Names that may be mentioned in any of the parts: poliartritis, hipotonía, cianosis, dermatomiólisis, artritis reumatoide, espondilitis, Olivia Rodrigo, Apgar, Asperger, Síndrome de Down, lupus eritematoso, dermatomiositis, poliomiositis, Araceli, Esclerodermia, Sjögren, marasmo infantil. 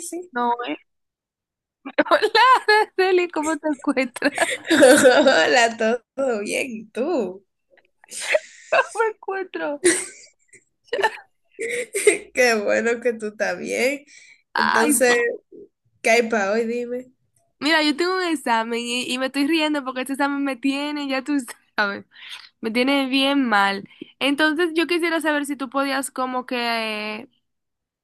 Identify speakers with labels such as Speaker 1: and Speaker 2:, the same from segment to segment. Speaker 1: Sí.
Speaker 2: No. Hola, Araceli, ¿cómo te encuentras?
Speaker 1: Hola, todo bien, ¿y tú?
Speaker 2: ¿Cómo me encuentro?
Speaker 1: Qué bueno que tú estás bien.
Speaker 2: Ay,
Speaker 1: Entonces, ¿qué hay para hoy? Dime.
Speaker 2: mira, yo tengo un examen y me estoy riendo porque este examen me tiene, ya tú sabes, me tiene bien mal. Entonces, yo quisiera saber si tú podías como que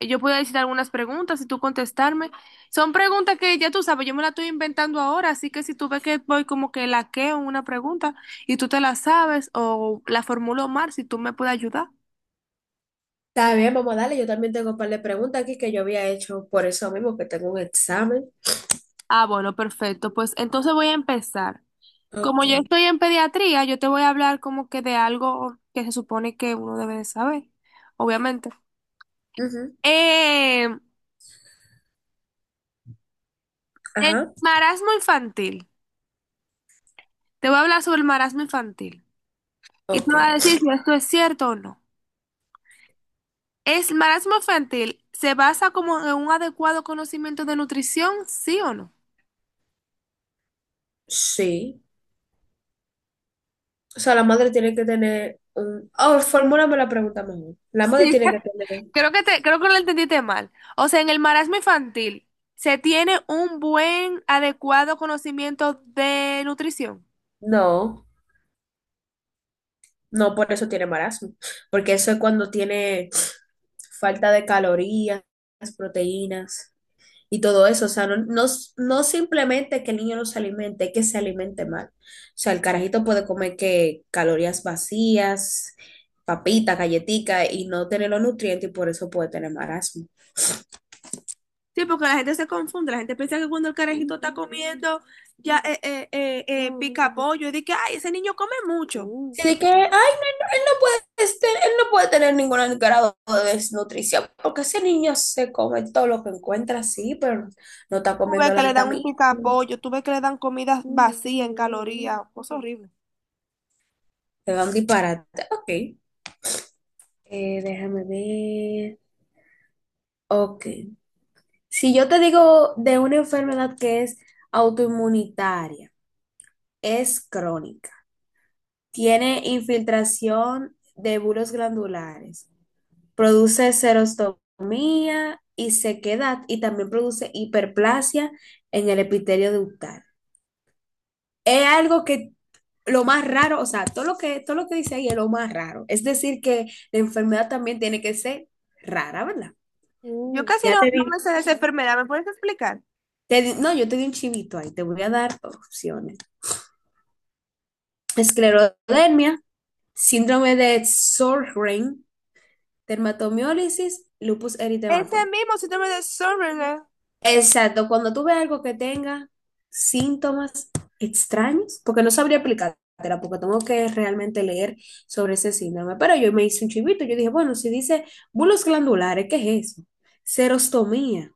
Speaker 2: eh, yo podía decir algunas preguntas y tú contestarme. Son preguntas que ya tú sabes, yo me las estoy inventando ahora, así que si tú ves que voy como que laqueo en una pregunta y tú te la sabes o la formulo mal, si tú me puedes ayudar.
Speaker 1: Está bien, vamos a darle. Yo también tengo un par de preguntas aquí que yo había hecho por eso mismo, que tengo un examen.
Speaker 2: Ah, bueno, perfecto. Pues entonces voy a empezar. Como
Speaker 1: Ok.
Speaker 2: yo estoy en pediatría, yo te voy a hablar como que de algo que se supone que uno debe de saber, obviamente.
Speaker 1: Ujú.
Speaker 2: Eh, el
Speaker 1: Ajá.
Speaker 2: marasmo infantil. Te voy a hablar sobre el marasmo infantil. Y te
Speaker 1: Ok.
Speaker 2: voy a decir si esto es cierto o no. ¿Es marasmo infantil se basa como en un adecuado conocimiento de nutrición, sí o no?
Speaker 1: Sí. O sea, la madre tiene que tener un... Oh, formúlame la pregunta mejor. La
Speaker 2: Sí.
Speaker 1: madre tiene que tener...
Speaker 2: Creo que lo entendiste mal. O sea, en el marasmo infantil, ¿se tiene un buen, adecuado conocimiento de nutrición?
Speaker 1: No. No por eso tiene marasmo, porque eso es cuando tiene falta de calorías, proteínas y todo eso. O sea, no, no, no simplemente que el niño no se alimente, es que se alimente mal. O sea, el carajito puede comer que calorías vacías, papita, galletica y no tener los nutrientes y por eso puede tener marasmo.
Speaker 2: Sí, porque la gente se confunde, la gente piensa que cuando el carajito está comiendo ya pica pollo, y dice que, ay, ese niño come mucho.
Speaker 1: Sí, de que, ay, no, no, él no puede, este, él no puede tener ningún grado de desnutrición, porque ese niño se come todo lo que encuentra, sí, pero no está
Speaker 2: Tú ves
Speaker 1: comiendo
Speaker 2: que
Speaker 1: la
Speaker 2: le dan un
Speaker 1: vitamina.
Speaker 2: pica pollo, tú ves que le dan comidas vacías en calorías, cosa horrible.
Speaker 1: Te dan disparate. Ok. Déjame ver. Ok. Si yo te digo de una enfermedad que es autoinmunitaria, es crónica, tiene infiltración de bulos glandulares, produce serostomía y sequedad y también produce hiperplasia en el epitelio ductal. Es algo que lo más raro, o sea, todo lo que dice ahí es lo más raro. Es decir, que la enfermedad también tiene que ser rara, ¿verdad?
Speaker 2: Yo casi
Speaker 1: Ya
Speaker 2: no,
Speaker 1: te
Speaker 2: no
Speaker 1: di,
Speaker 2: me sé de esa enfermedad, ¿me puedes explicar?
Speaker 1: no, yo te di un chivito ahí, te voy a dar opciones. Esclerodermia, síndrome de Sjögren, dermatomiólisis, lupus
Speaker 2: Ese
Speaker 1: eritematoso.
Speaker 2: mismo síndrome de Asperger,
Speaker 1: Exacto, cuando tú ves algo que tenga síntomas extraños, porque no sabría aplicártela, porque tengo que realmente leer sobre ese síndrome, pero yo me hice un chivito, yo dije, bueno, si dice bulos glandulares, ¿qué es eso? Serostomía,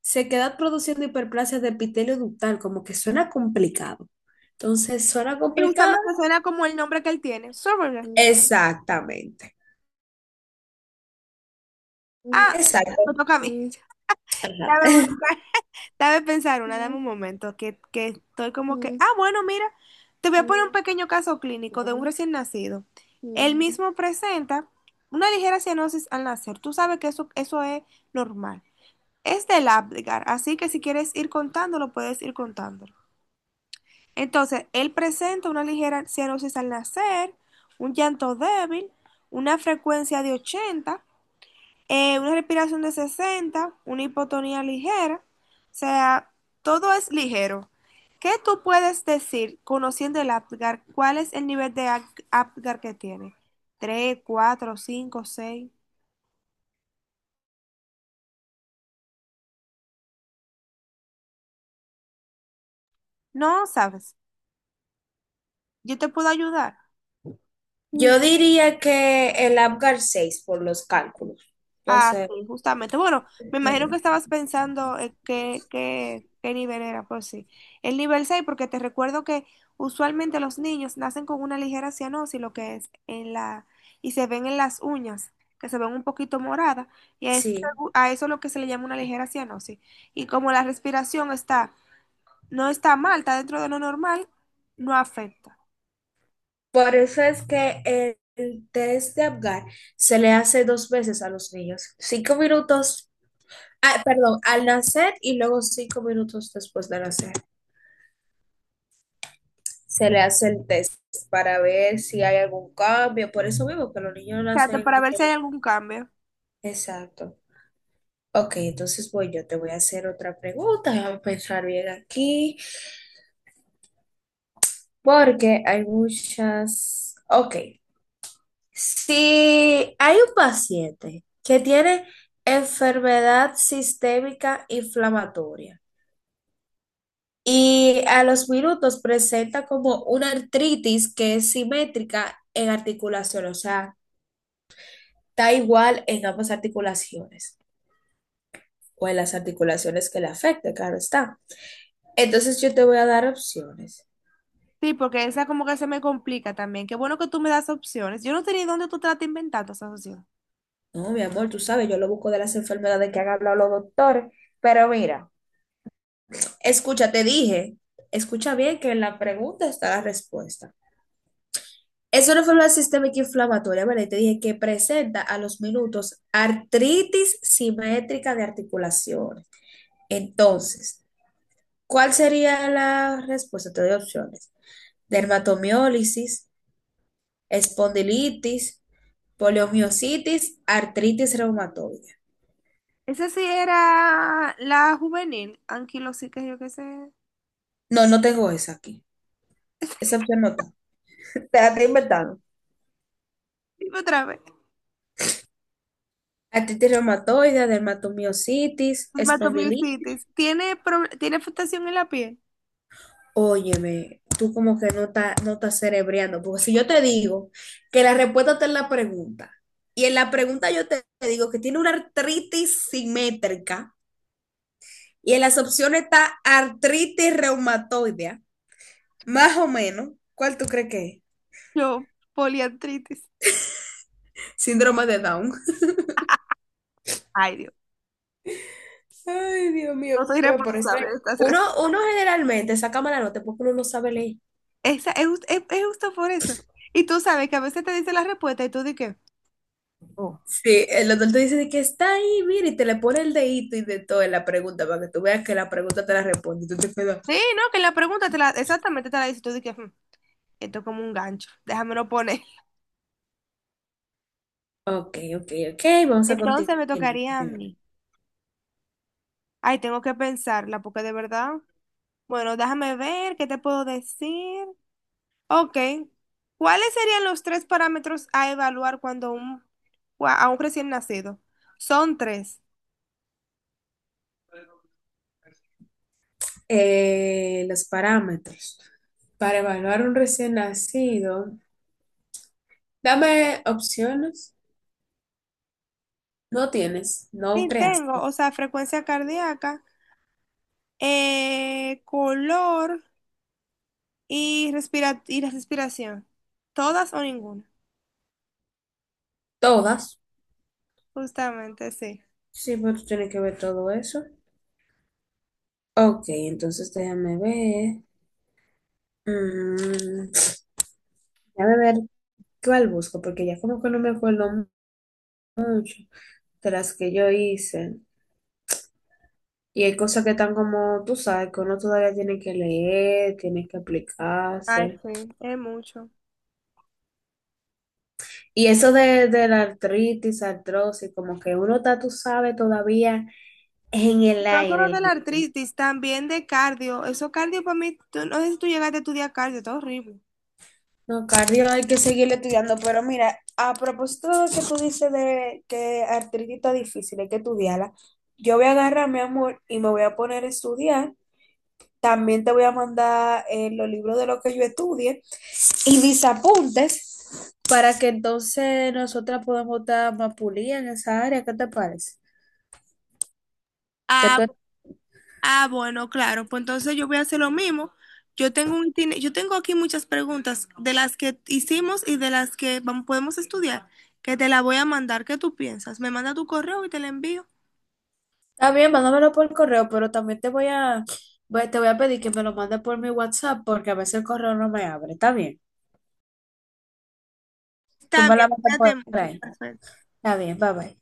Speaker 1: sequedad produciendo hiperplasia de epitelio ductal, como que suena complicado. Entonces, ¿suena
Speaker 2: y
Speaker 1: complicado?
Speaker 2: justamente suena como el nombre que él tiene, Asperger.
Speaker 1: Exactamente,
Speaker 2: Ah, me
Speaker 1: exacto.
Speaker 2: toca a mí.
Speaker 1: Ajá.
Speaker 2: Ya me busca. Dame un momento, que estoy como que, ah, bueno, mira, te voy a poner un pequeño caso clínico de un recién nacido. Él mismo presenta una ligera cianosis al nacer. Tú sabes que eso es normal. Es del Apgar, así que si quieres ir contándolo, puedes ir contándolo. Entonces, él presenta una ligera cianosis al nacer, un llanto débil, una frecuencia de 80 una respiración de 60, una hipotonía ligera, o sea, todo es ligero. ¿Qué tú puedes decir conociendo el Apgar? ¿Cuál es el nivel de Apgar que tiene? 3, 4, 5, 6. No, sabes, yo te puedo ayudar.
Speaker 1: Yo diría que el Apgar 6 por los cálculos.
Speaker 2: Ah,
Speaker 1: Entonces,
Speaker 2: sí, justamente. Bueno, me imagino que estabas pensando qué nivel era, pues sí. El nivel 6, porque te recuerdo que usualmente los niños nacen con una ligera cianosis, lo que es y se ven en las uñas, que se ven un poquito moradas, y a eso,
Speaker 1: sí.
Speaker 2: a eso es lo que se le llama una ligera cianosis. Y como la respiración no está mal, está dentro de lo normal, no afecta.
Speaker 1: Por eso es que el test de Apgar se le hace dos veces a los niños. Cinco minutos, ah, perdón, al nacer y luego cinco minutos después de nacer. Se le hace el test para ver si hay algún cambio. Por eso mismo que los niños nacen
Speaker 2: Trate
Speaker 1: en
Speaker 2: para ver si hay
Speaker 1: general.
Speaker 2: algún cambio.
Speaker 1: Exacto. Ok, entonces voy, yo te voy a hacer otra pregunta. Déjame pensar bien aquí, porque hay muchas. Ok. Si hay un paciente que tiene enfermedad sistémica inflamatoria y a los minutos presenta como una artritis que es simétrica en articulación, o sea, está igual en ambas articulaciones o en las articulaciones que le afecte, claro está. Entonces yo te voy a dar opciones.
Speaker 2: Sí, porque esa como que se me complica también. Qué bueno que tú me das opciones. Yo no tenía dónde tú te la estás inventando esa opción.
Speaker 1: No, mi amor, tú sabes, yo lo busco de las enfermedades que han hablado los doctores, pero mira. Escucha, te dije, escucha bien que en la pregunta está la respuesta. Es una enfermedad sistémica inflamatoria, ¿verdad? Y te dije que presenta a los minutos artritis simétrica de articulaciones. Entonces, ¿cuál sería la respuesta? Te doy opciones. Dermatomiólisis, espondilitis, poliomiositis, artritis reumatoide.
Speaker 2: Esa sí era la juvenil, anquilosica, yo qué sé.
Speaker 1: No, no tengo esa aquí. Esa opción no está. Te la estoy inventando.
Speaker 2: Dime otra vez.
Speaker 1: Artritis reumatoide, dermatomiositis, espondilitis.
Speaker 2: Dermatomiositis. ¿Tiene, tiene afectación en la piel?
Speaker 1: Óyeme, tú como que no estás cerebreando, porque si yo te digo que la respuesta está en la pregunta, y en la pregunta yo te digo que tiene una artritis simétrica, y en las opciones está artritis reumatoidea, más o menos, ¿cuál tú crees que es?
Speaker 2: Yo, poliartritis.
Speaker 1: Síndrome de Down.
Speaker 2: Ay, Dios.
Speaker 1: Ay, Dios mío,
Speaker 2: No soy
Speaker 1: me parece.
Speaker 2: responsable de estas
Speaker 1: Uno,
Speaker 2: res-.
Speaker 1: Uno generalmente saca mala nota porque uno no sabe leer.
Speaker 2: Esa, es, jus- es justo por eso. Y tú sabes que a veces te dice la respuesta y tú di que.
Speaker 1: Sí, el doctor te dice de que está ahí, mira, y te le pone el dedito y de todo en la pregunta para que tú veas que la pregunta te la responde. Y tú te quedas,
Speaker 2: Sí, no, que la pregunta exactamente te la dice y tú di que. "Hmm, esto es como un gancho. Déjamelo poner".
Speaker 1: ok, ok, ok, vamos a
Speaker 2: Entonces me tocaría a
Speaker 1: continuar.
Speaker 2: mí. Ay, tengo que pensarla, porque de verdad. Bueno, déjame ver qué te puedo decir. Ok. ¿Cuáles serían los tres parámetros a evaluar cuando a un recién nacido? Son tres.
Speaker 1: Los parámetros. Para evaluar un recién nacido, dame opciones. No tienes, no
Speaker 2: Sí, tengo,
Speaker 1: creaste.
Speaker 2: o sea, frecuencia cardíaca, color y la respiración. ¿Todas o ninguna?
Speaker 1: Todas.
Speaker 2: Justamente, sí.
Speaker 1: Sí, pero tú tienes que ver todo eso. Ok, entonces déjame ver. Mm, Déjame ver cuál busco, porque ya como que no me acuerdo mucho. De las que yo hice. Y hay cosas que están como, tú sabes, que uno todavía tiene que leer, tiene que
Speaker 2: Ay,
Speaker 1: aplicarse.
Speaker 2: sí, es mucho.
Speaker 1: Y eso de la artritis, artrosis, como que uno está, tú sabes, todavía en el
Speaker 2: No solo
Speaker 1: aire.
Speaker 2: de la artritis, también de cardio. Eso cardio para mí, no sé si tú llegaste a estudiar cardio, está horrible.
Speaker 1: No, cardio hay que seguir estudiando, pero mira, a propósito de lo que tú dices de que artritis está difícil, hay que estudiarla, yo voy a agarrar, mi amor, y me voy a poner a estudiar. También te voy a mandar los libros de lo que yo estudie y mis apuntes para que entonces nosotras podamos estar más pulidas en esa área. ¿Qué te parece? Te
Speaker 2: Ah,
Speaker 1: estoy-
Speaker 2: ah, bueno, claro. Pues entonces yo voy a hacer lo mismo. Yo tengo aquí muchas preguntas de las que hicimos y de las que podemos estudiar, que te la voy a mandar. ¿Qué tú piensas? Me manda tu correo y te la envío.
Speaker 1: Está bien, mándamelo por correo, pero también te voy a, te voy a pedir que me lo mandes por mi WhatsApp porque a veces el correo no me abre. Está bien. Tú
Speaker 2: Está
Speaker 1: me
Speaker 2: bien,
Speaker 1: la mandas
Speaker 2: cuídate
Speaker 1: por
Speaker 2: mucho.
Speaker 1: ahí.
Speaker 2: Fran.
Speaker 1: Está bien, bye bye.